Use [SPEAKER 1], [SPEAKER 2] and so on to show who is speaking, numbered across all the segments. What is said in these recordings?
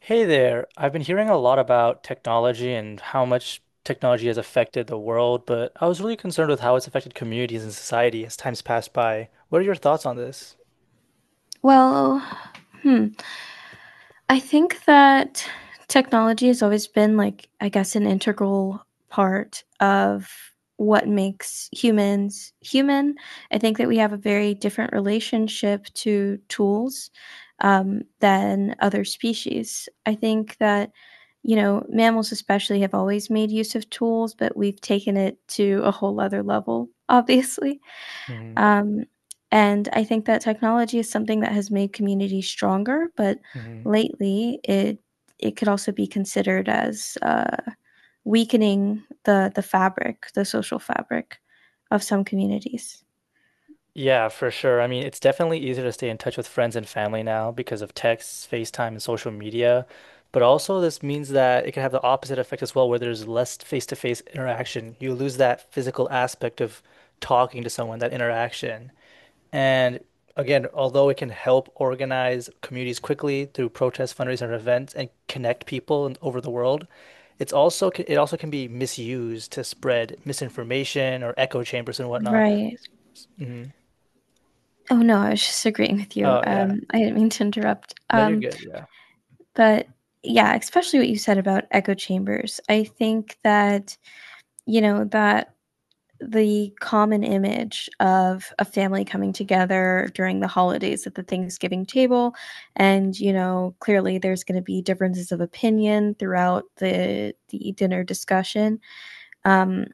[SPEAKER 1] Hey there. I've been hearing a lot about technology and how much technology has affected the world, but I was really concerned with how it's affected communities and society as time's passed by. What are your thoughts on this?
[SPEAKER 2] Well, hmm, I think that technology has always been like, I guess, an integral part of what makes humans human. I think that we have a very different relationship to tools than other species. I think that, you know, mammals especially have always made use of tools, but we've taken it to a whole other level, obviously.
[SPEAKER 1] Hmm.
[SPEAKER 2] Um, and I think that technology is something that has made communities stronger, but
[SPEAKER 1] Hmm.
[SPEAKER 2] lately it could also be considered as weakening the fabric, the social fabric of some communities.
[SPEAKER 1] Yeah, for sure. I mean, it's definitely easier to stay in touch with friends and family now because of texts, FaceTime, and social media. But also, this means that it can have the opposite effect as well, where there's less face-to-face interaction. You lose that physical aspect of talking to someone, that interaction. And again, although it can help organize communities quickly through protests, fundraising, and events and connect people over the world, it also can be misused to spread misinformation or echo chambers and whatnot.
[SPEAKER 2] Right.
[SPEAKER 1] Hmm.
[SPEAKER 2] Oh no, I was just agreeing with you.
[SPEAKER 1] Oh yeah.
[SPEAKER 2] I didn't mean to interrupt.
[SPEAKER 1] No, you're
[SPEAKER 2] Um,
[SPEAKER 1] good. Yeah.
[SPEAKER 2] but yeah, especially what you said about echo chambers. I think that you know that the common image of a family coming together during the holidays at the Thanksgiving table. And, you know, clearly there's going to be differences of opinion throughout the dinner discussion. Um,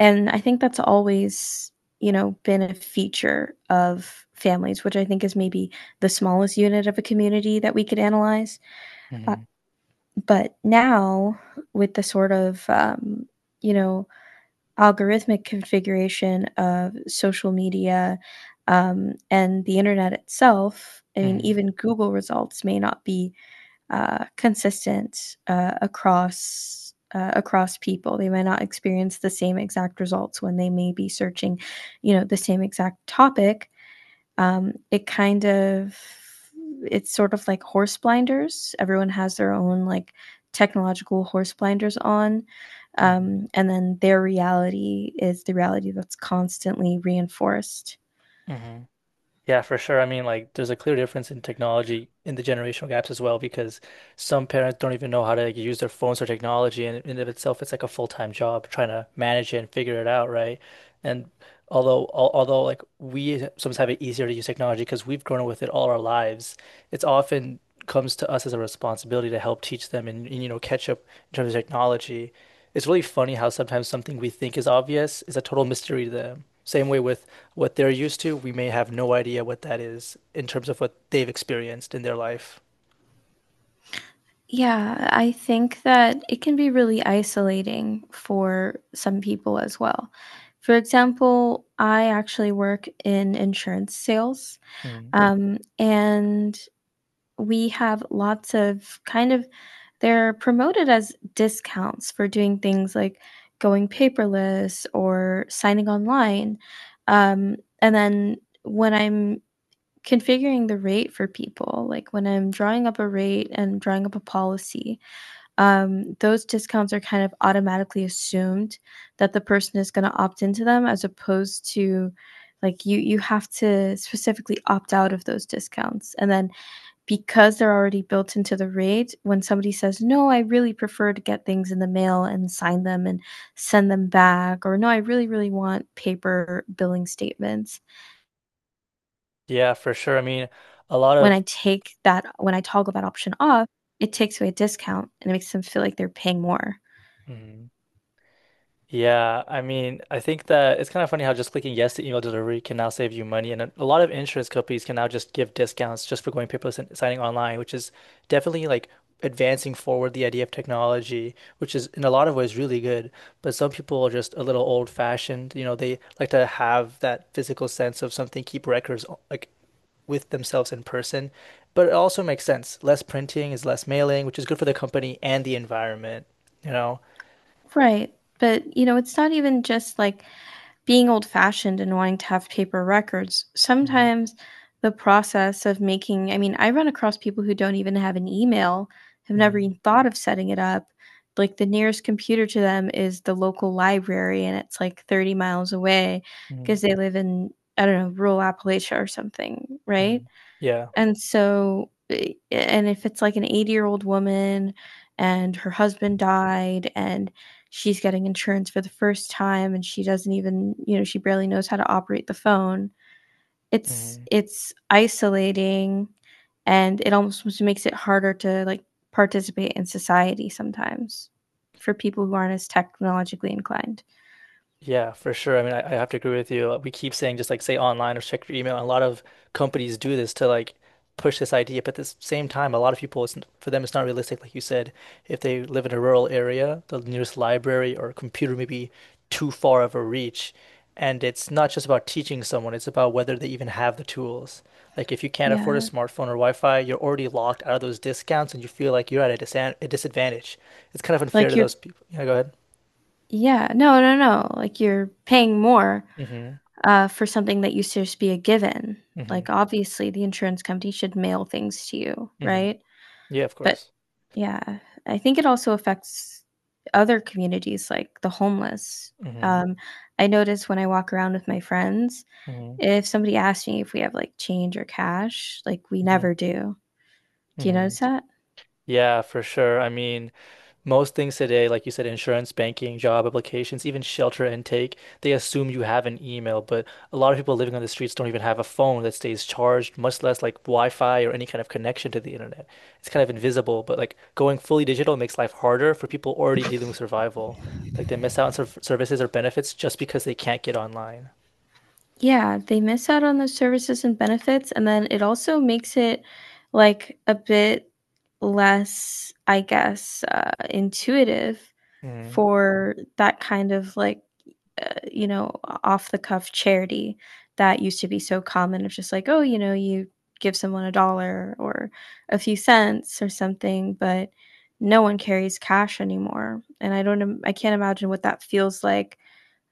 [SPEAKER 2] and I think that's always, you know, been a feature of families, which I think is maybe the smallest unit of a community that we could analyze. Uh,
[SPEAKER 1] Hmm.
[SPEAKER 2] but now, with the sort of, you know, algorithmic configuration of social media and the internet itself, I mean,
[SPEAKER 1] Hmm.
[SPEAKER 2] even Google results may not be consistent across people. They might not experience the same exact results when they may be searching, you know, the same exact topic. Um, it kind of it's sort of like horse blinders. Everyone has their own, like, technological horse blinders on,
[SPEAKER 1] Hmm.
[SPEAKER 2] and then their reality is the reality that's constantly reinforced.
[SPEAKER 1] Hmm. Yeah, for sure. I mean, like, there's a clear difference in technology in the generational gaps as well, because some parents don't even know how to like, use their phones or technology, and in and of itself, it's like a full-time job trying to manage it and figure it out, right? And although like we sometimes have it easier to use technology because we've grown up with it all our lives, it's often comes to us as a responsibility to help teach them and you know catch up in terms of technology. It's really funny how sometimes something we think is obvious is a total mystery to them. Same way with what they're used to, we may have no idea what that is in terms of what they've experienced in their life.
[SPEAKER 2] Yeah, I think that it can be really isolating for some people as well. For example, I actually work in insurance sales.
[SPEAKER 1] Mm.
[SPEAKER 2] Mm. And we have lots of kind of— they're promoted as discounts for doing things like going paperless or signing online. And then when I'm configuring the rate for people, like when I'm drawing up a rate and drawing up a policy, those discounts are kind of automatically assumed that the person is going to opt into them, as opposed to, like, you have to specifically opt out of those discounts, and then because they're already built into the rate, when somebody says, "No, I really prefer to get things in the mail and sign them and send them back," or, "No, I really, really want paper billing statements,"
[SPEAKER 1] Yeah, for sure. I mean, a lot
[SPEAKER 2] when I
[SPEAKER 1] of.
[SPEAKER 2] take that when I toggle that option off, it takes away a discount and it makes them feel like they're paying more.
[SPEAKER 1] Mhm. Yeah, I mean, I think that it's kind of funny how just clicking yes to email delivery can now save you money, and a lot of insurance companies can now just give discounts just for going paperless and signing online, which is definitely like advancing forward the idea of technology, which is in a lot of ways really good. But some people are just a little old-fashioned, you know, they like to have that physical sense of something, keep like with themselves in person. But it also makes sense. Less printing is less mailing, which is good for the company and the environment, you know?
[SPEAKER 2] Right, but, you know, it's not even just, like, being old fashioned and wanting to have paper records.
[SPEAKER 1] Mhm.
[SPEAKER 2] Sometimes the process of making— I mean, I run across people who don't even have an email, have never
[SPEAKER 1] Mhm.
[SPEAKER 2] even thought of setting it up. Like, the nearest computer to them is the local library and it's like 30 miles away
[SPEAKER 1] Mhm.
[SPEAKER 2] because they live in, I don't know, rural Appalachia or something, right?
[SPEAKER 1] Mm. Yeah.
[SPEAKER 2] And so, eh, and if it's like an 80-year-old woman and her husband died and she's getting insurance for the first time and she doesn't even, you know, she barely knows how to operate the phone, it's
[SPEAKER 1] Mm.
[SPEAKER 2] it's isolating and it almost makes it harder to, like, participate in society sometimes for people who aren't as technologically inclined.
[SPEAKER 1] Yeah, for sure. I mean, I have to agree with you. We keep saying just like say online or check your email. A lot of companies do this to like push this idea, but at the same time, a lot of people, it's, for them, it's not realistic. Like you said, if they live in a rural area, the nearest library or computer may be too far of a reach. And it's not just about teaching someone, it's about whether they even have the tools. Like if you can't afford a
[SPEAKER 2] Yeah.
[SPEAKER 1] smartphone or Wi-Fi, you're already locked out of those discounts and you feel like you're at a disadvantage. It's kind of unfair
[SPEAKER 2] Like,
[SPEAKER 1] to
[SPEAKER 2] you're—
[SPEAKER 1] those people. Yeah, go ahead.
[SPEAKER 2] yeah, no, no, no. Like, you're paying more
[SPEAKER 1] Mm-hmm.
[SPEAKER 2] for something that used to just be a given.
[SPEAKER 1] Mm-hmm.
[SPEAKER 2] Like, obviously, the insurance company should mail things to you,
[SPEAKER 1] Hmm.
[SPEAKER 2] right?
[SPEAKER 1] Yeah, of
[SPEAKER 2] But
[SPEAKER 1] course.
[SPEAKER 2] yeah, I think it also affects other communities, like the homeless.
[SPEAKER 1] Mm-hmm.
[SPEAKER 2] Um, I notice when I walk around with my friends,
[SPEAKER 1] Mm-hmm.
[SPEAKER 2] if somebody asks me if we have like change or cash, like, we
[SPEAKER 1] Mm-hmm.
[SPEAKER 2] never do. Do you
[SPEAKER 1] Hmm.
[SPEAKER 2] notice that?
[SPEAKER 1] Yeah, for sure. I mean, most things today, like you said, insurance, banking, job applications, even shelter intake, they assume you have an email, but a lot of people living on the streets don't even have a phone that stays charged, much less like Wi-Fi or any kind of connection to the internet. It's kind of invisible, but like going fully digital makes life harder for people already dealing with survival. Like they miss out on services or benefits just because they can't get online.
[SPEAKER 2] Yeah, they miss out on those services and benefits, and then it also makes it, like, a bit less, I guess, intuitive
[SPEAKER 1] Mm.
[SPEAKER 2] for that kind of, like, uh, you know, off the cuff charity that used to be so common of, just like, "Oh, you know, you give someone a dollar or a few cents or something," but no one carries cash anymore, and I don't im I can't imagine what that feels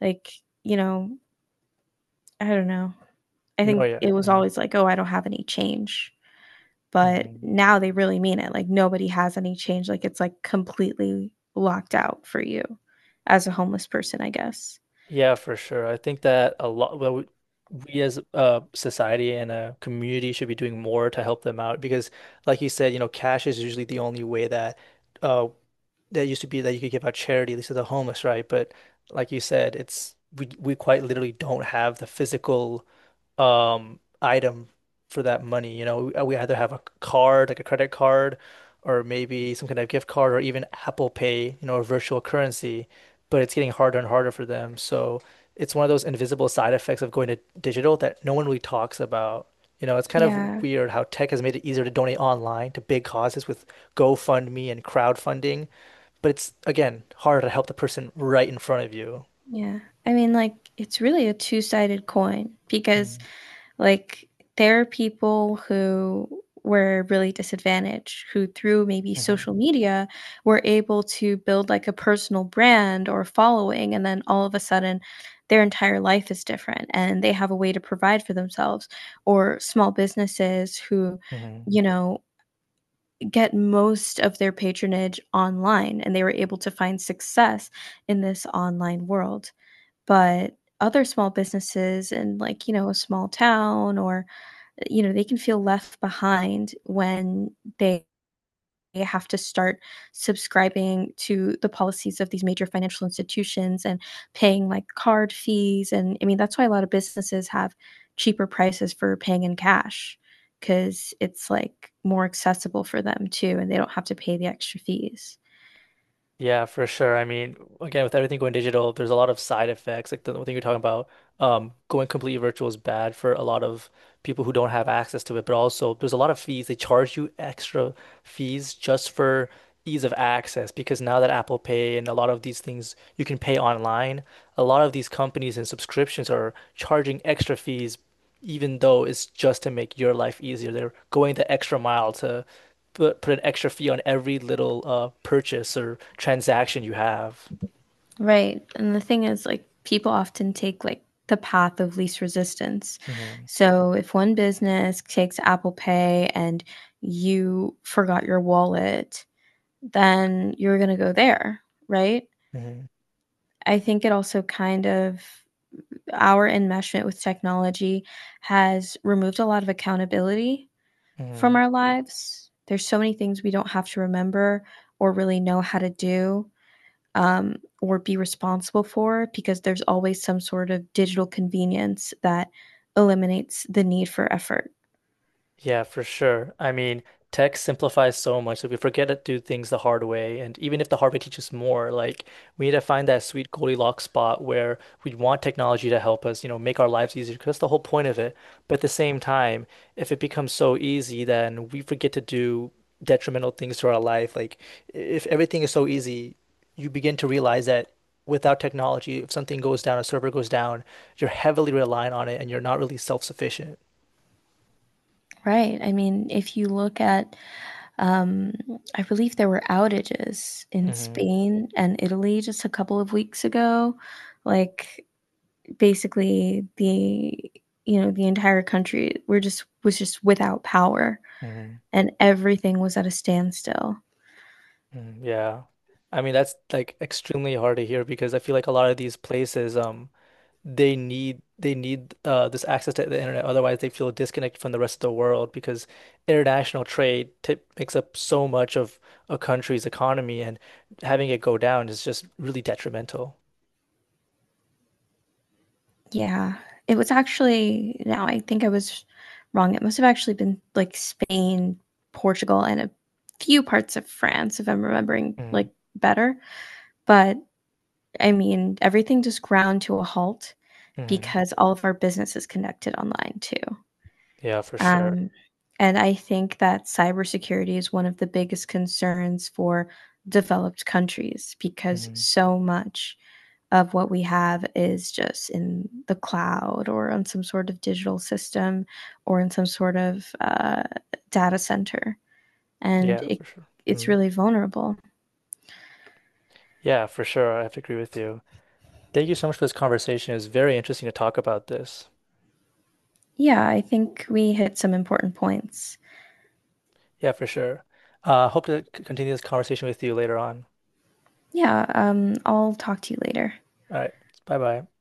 [SPEAKER 2] like, you know, I don't know. I
[SPEAKER 1] No,
[SPEAKER 2] think
[SPEAKER 1] yeah.
[SPEAKER 2] it was always like, "Oh, I don't have any change." But
[SPEAKER 1] Mm-hmm.
[SPEAKER 2] now they really mean it. Like, nobody has any change. Like, it's, like, completely locked out for you as a homeless person, I guess.
[SPEAKER 1] Yeah, for sure. I think that a lot, well, we as a society and a community should be doing more to help them out because, like you said, you know, cash is usually the only way that, uh, that used to be that you could give out charity, at least to the homeless, right? But like you said, it's we quite literally don't have the physical item for that money. You know, we either have a card, like a credit card, or maybe some kind of gift card, or even Apple Pay, you know, a virtual currency. But it's getting harder and harder for them. So it's one of those invisible side effects of going to digital that no one really talks about. You know, it's kind of
[SPEAKER 2] Yeah,
[SPEAKER 1] weird how tech has made it easier to donate online to big causes with GoFundMe and crowdfunding, but it's again harder to help the person right in front of you.
[SPEAKER 2] yeah. I mean, like, it's really a two-sided coin because—
[SPEAKER 1] Mm-hmm.
[SPEAKER 2] like, there are people who were really disadvantaged, who through maybe social media were able to build like a personal brand or following, and then all of a sudden their entire life is different and they have a way to provide for themselves, or small businesses who,
[SPEAKER 1] Mm-hmm.
[SPEAKER 2] you know, get most of their patronage online and they were able to find success in this online world. But other small businesses in, like, you know, a small town, or, you know, they can feel left behind when they have to start subscribing to the policies of these major financial institutions and paying like card fees, and I mean that's why a lot of businesses have cheaper prices for paying in cash, because it's like more accessible for them too and they don't have to pay the extra fees.
[SPEAKER 1] Yeah, for sure. I mean, again, with everything going digital, there's a lot of side effects. Like the thing you're talking about, going completely virtual is bad for a lot of people who don't have access to it, but also there's a lot of fees. They charge you extra fees just for ease of access because now that Apple Pay and a lot of these things you can pay online, a lot of these companies and subscriptions are charging extra fees, even though it's just to make your life easier. They're going the extra mile to put an extra fee on every little purchase or transaction you have.
[SPEAKER 2] Right. And the thing is, like, people often take like the path of least resistance.
[SPEAKER 1] Hmm.
[SPEAKER 2] So if one business takes Apple Pay and you forgot your wallet, then you're going to go there, right?
[SPEAKER 1] Hmm.
[SPEAKER 2] I think it also kind of— our enmeshment with technology has removed a lot of accountability from
[SPEAKER 1] Hmm.
[SPEAKER 2] our lives. There's so many things we don't have to remember or really know how to do, um, or be responsible for, because there's always some sort of digital convenience that eliminates the need for effort.
[SPEAKER 1] Yeah, for sure. I mean, tech simplifies so much that we forget to do things the hard way. And even if the hard way teaches more, like we need to find that sweet Goldilocks spot where we want technology to help us, you know, make our lives easier, because that's the whole point of it. But at the same time, if it becomes so easy, then we forget to do detrimental things to our life. Like if everything is so easy, you begin to realize that without technology, if something goes down, a server goes down, you're heavily reliant on it and you're not really self-sufficient.
[SPEAKER 2] Right. I mean, if you look at, um, I believe there were outages in
[SPEAKER 1] Hmm.
[SPEAKER 2] Spain and Italy just a couple of weeks ago. Like, basically the you know the entire country were just was just without power
[SPEAKER 1] Hmm.
[SPEAKER 2] and everything was at a standstill.
[SPEAKER 1] Mm, yeah. I mean, that's like extremely hard to hear because I feel like a lot of these places, they need this access to the internet. Otherwise, they feel disconnected from the rest of the world because international trade t makes up so much of a country's economy, and having it go down is just really detrimental.
[SPEAKER 2] Yeah. It was actually— now I think I was wrong, it must have actually been, like, Spain, Portugal, and a few parts of France, if I'm remembering,
[SPEAKER 1] Mm,
[SPEAKER 2] like, better, but, I mean, everything just ground to a halt
[SPEAKER 1] mm,
[SPEAKER 2] because all of our business is connected online too,
[SPEAKER 1] yeah, for sure.
[SPEAKER 2] um, and I think that cybersecurity is one of the biggest concerns for developed countries because
[SPEAKER 1] Mm,
[SPEAKER 2] so much of what we have is just in the cloud or on some sort of digital system or in some sort of data center. And
[SPEAKER 1] yeah,
[SPEAKER 2] it,
[SPEAKER 1] for sure.
[SPEAKER 2] it's
[SPEAKER 1] Mm,
[SPEAKER 2] really vulnerable.
[SPEAKER 1] yeah, for sure. I have to agree with you. Thank you so much for this conversation. It was very interesting to talk about this.
[SPEAKER 2] Yeah, I think we hit some important points.
[SPEAKER 1] Yeah, for sure. Hope to continue this conversation with you later on.
[SPEAKER 2] Yeah, I'll talk to you later.
[SPEAKER 1] All right. Bye bye.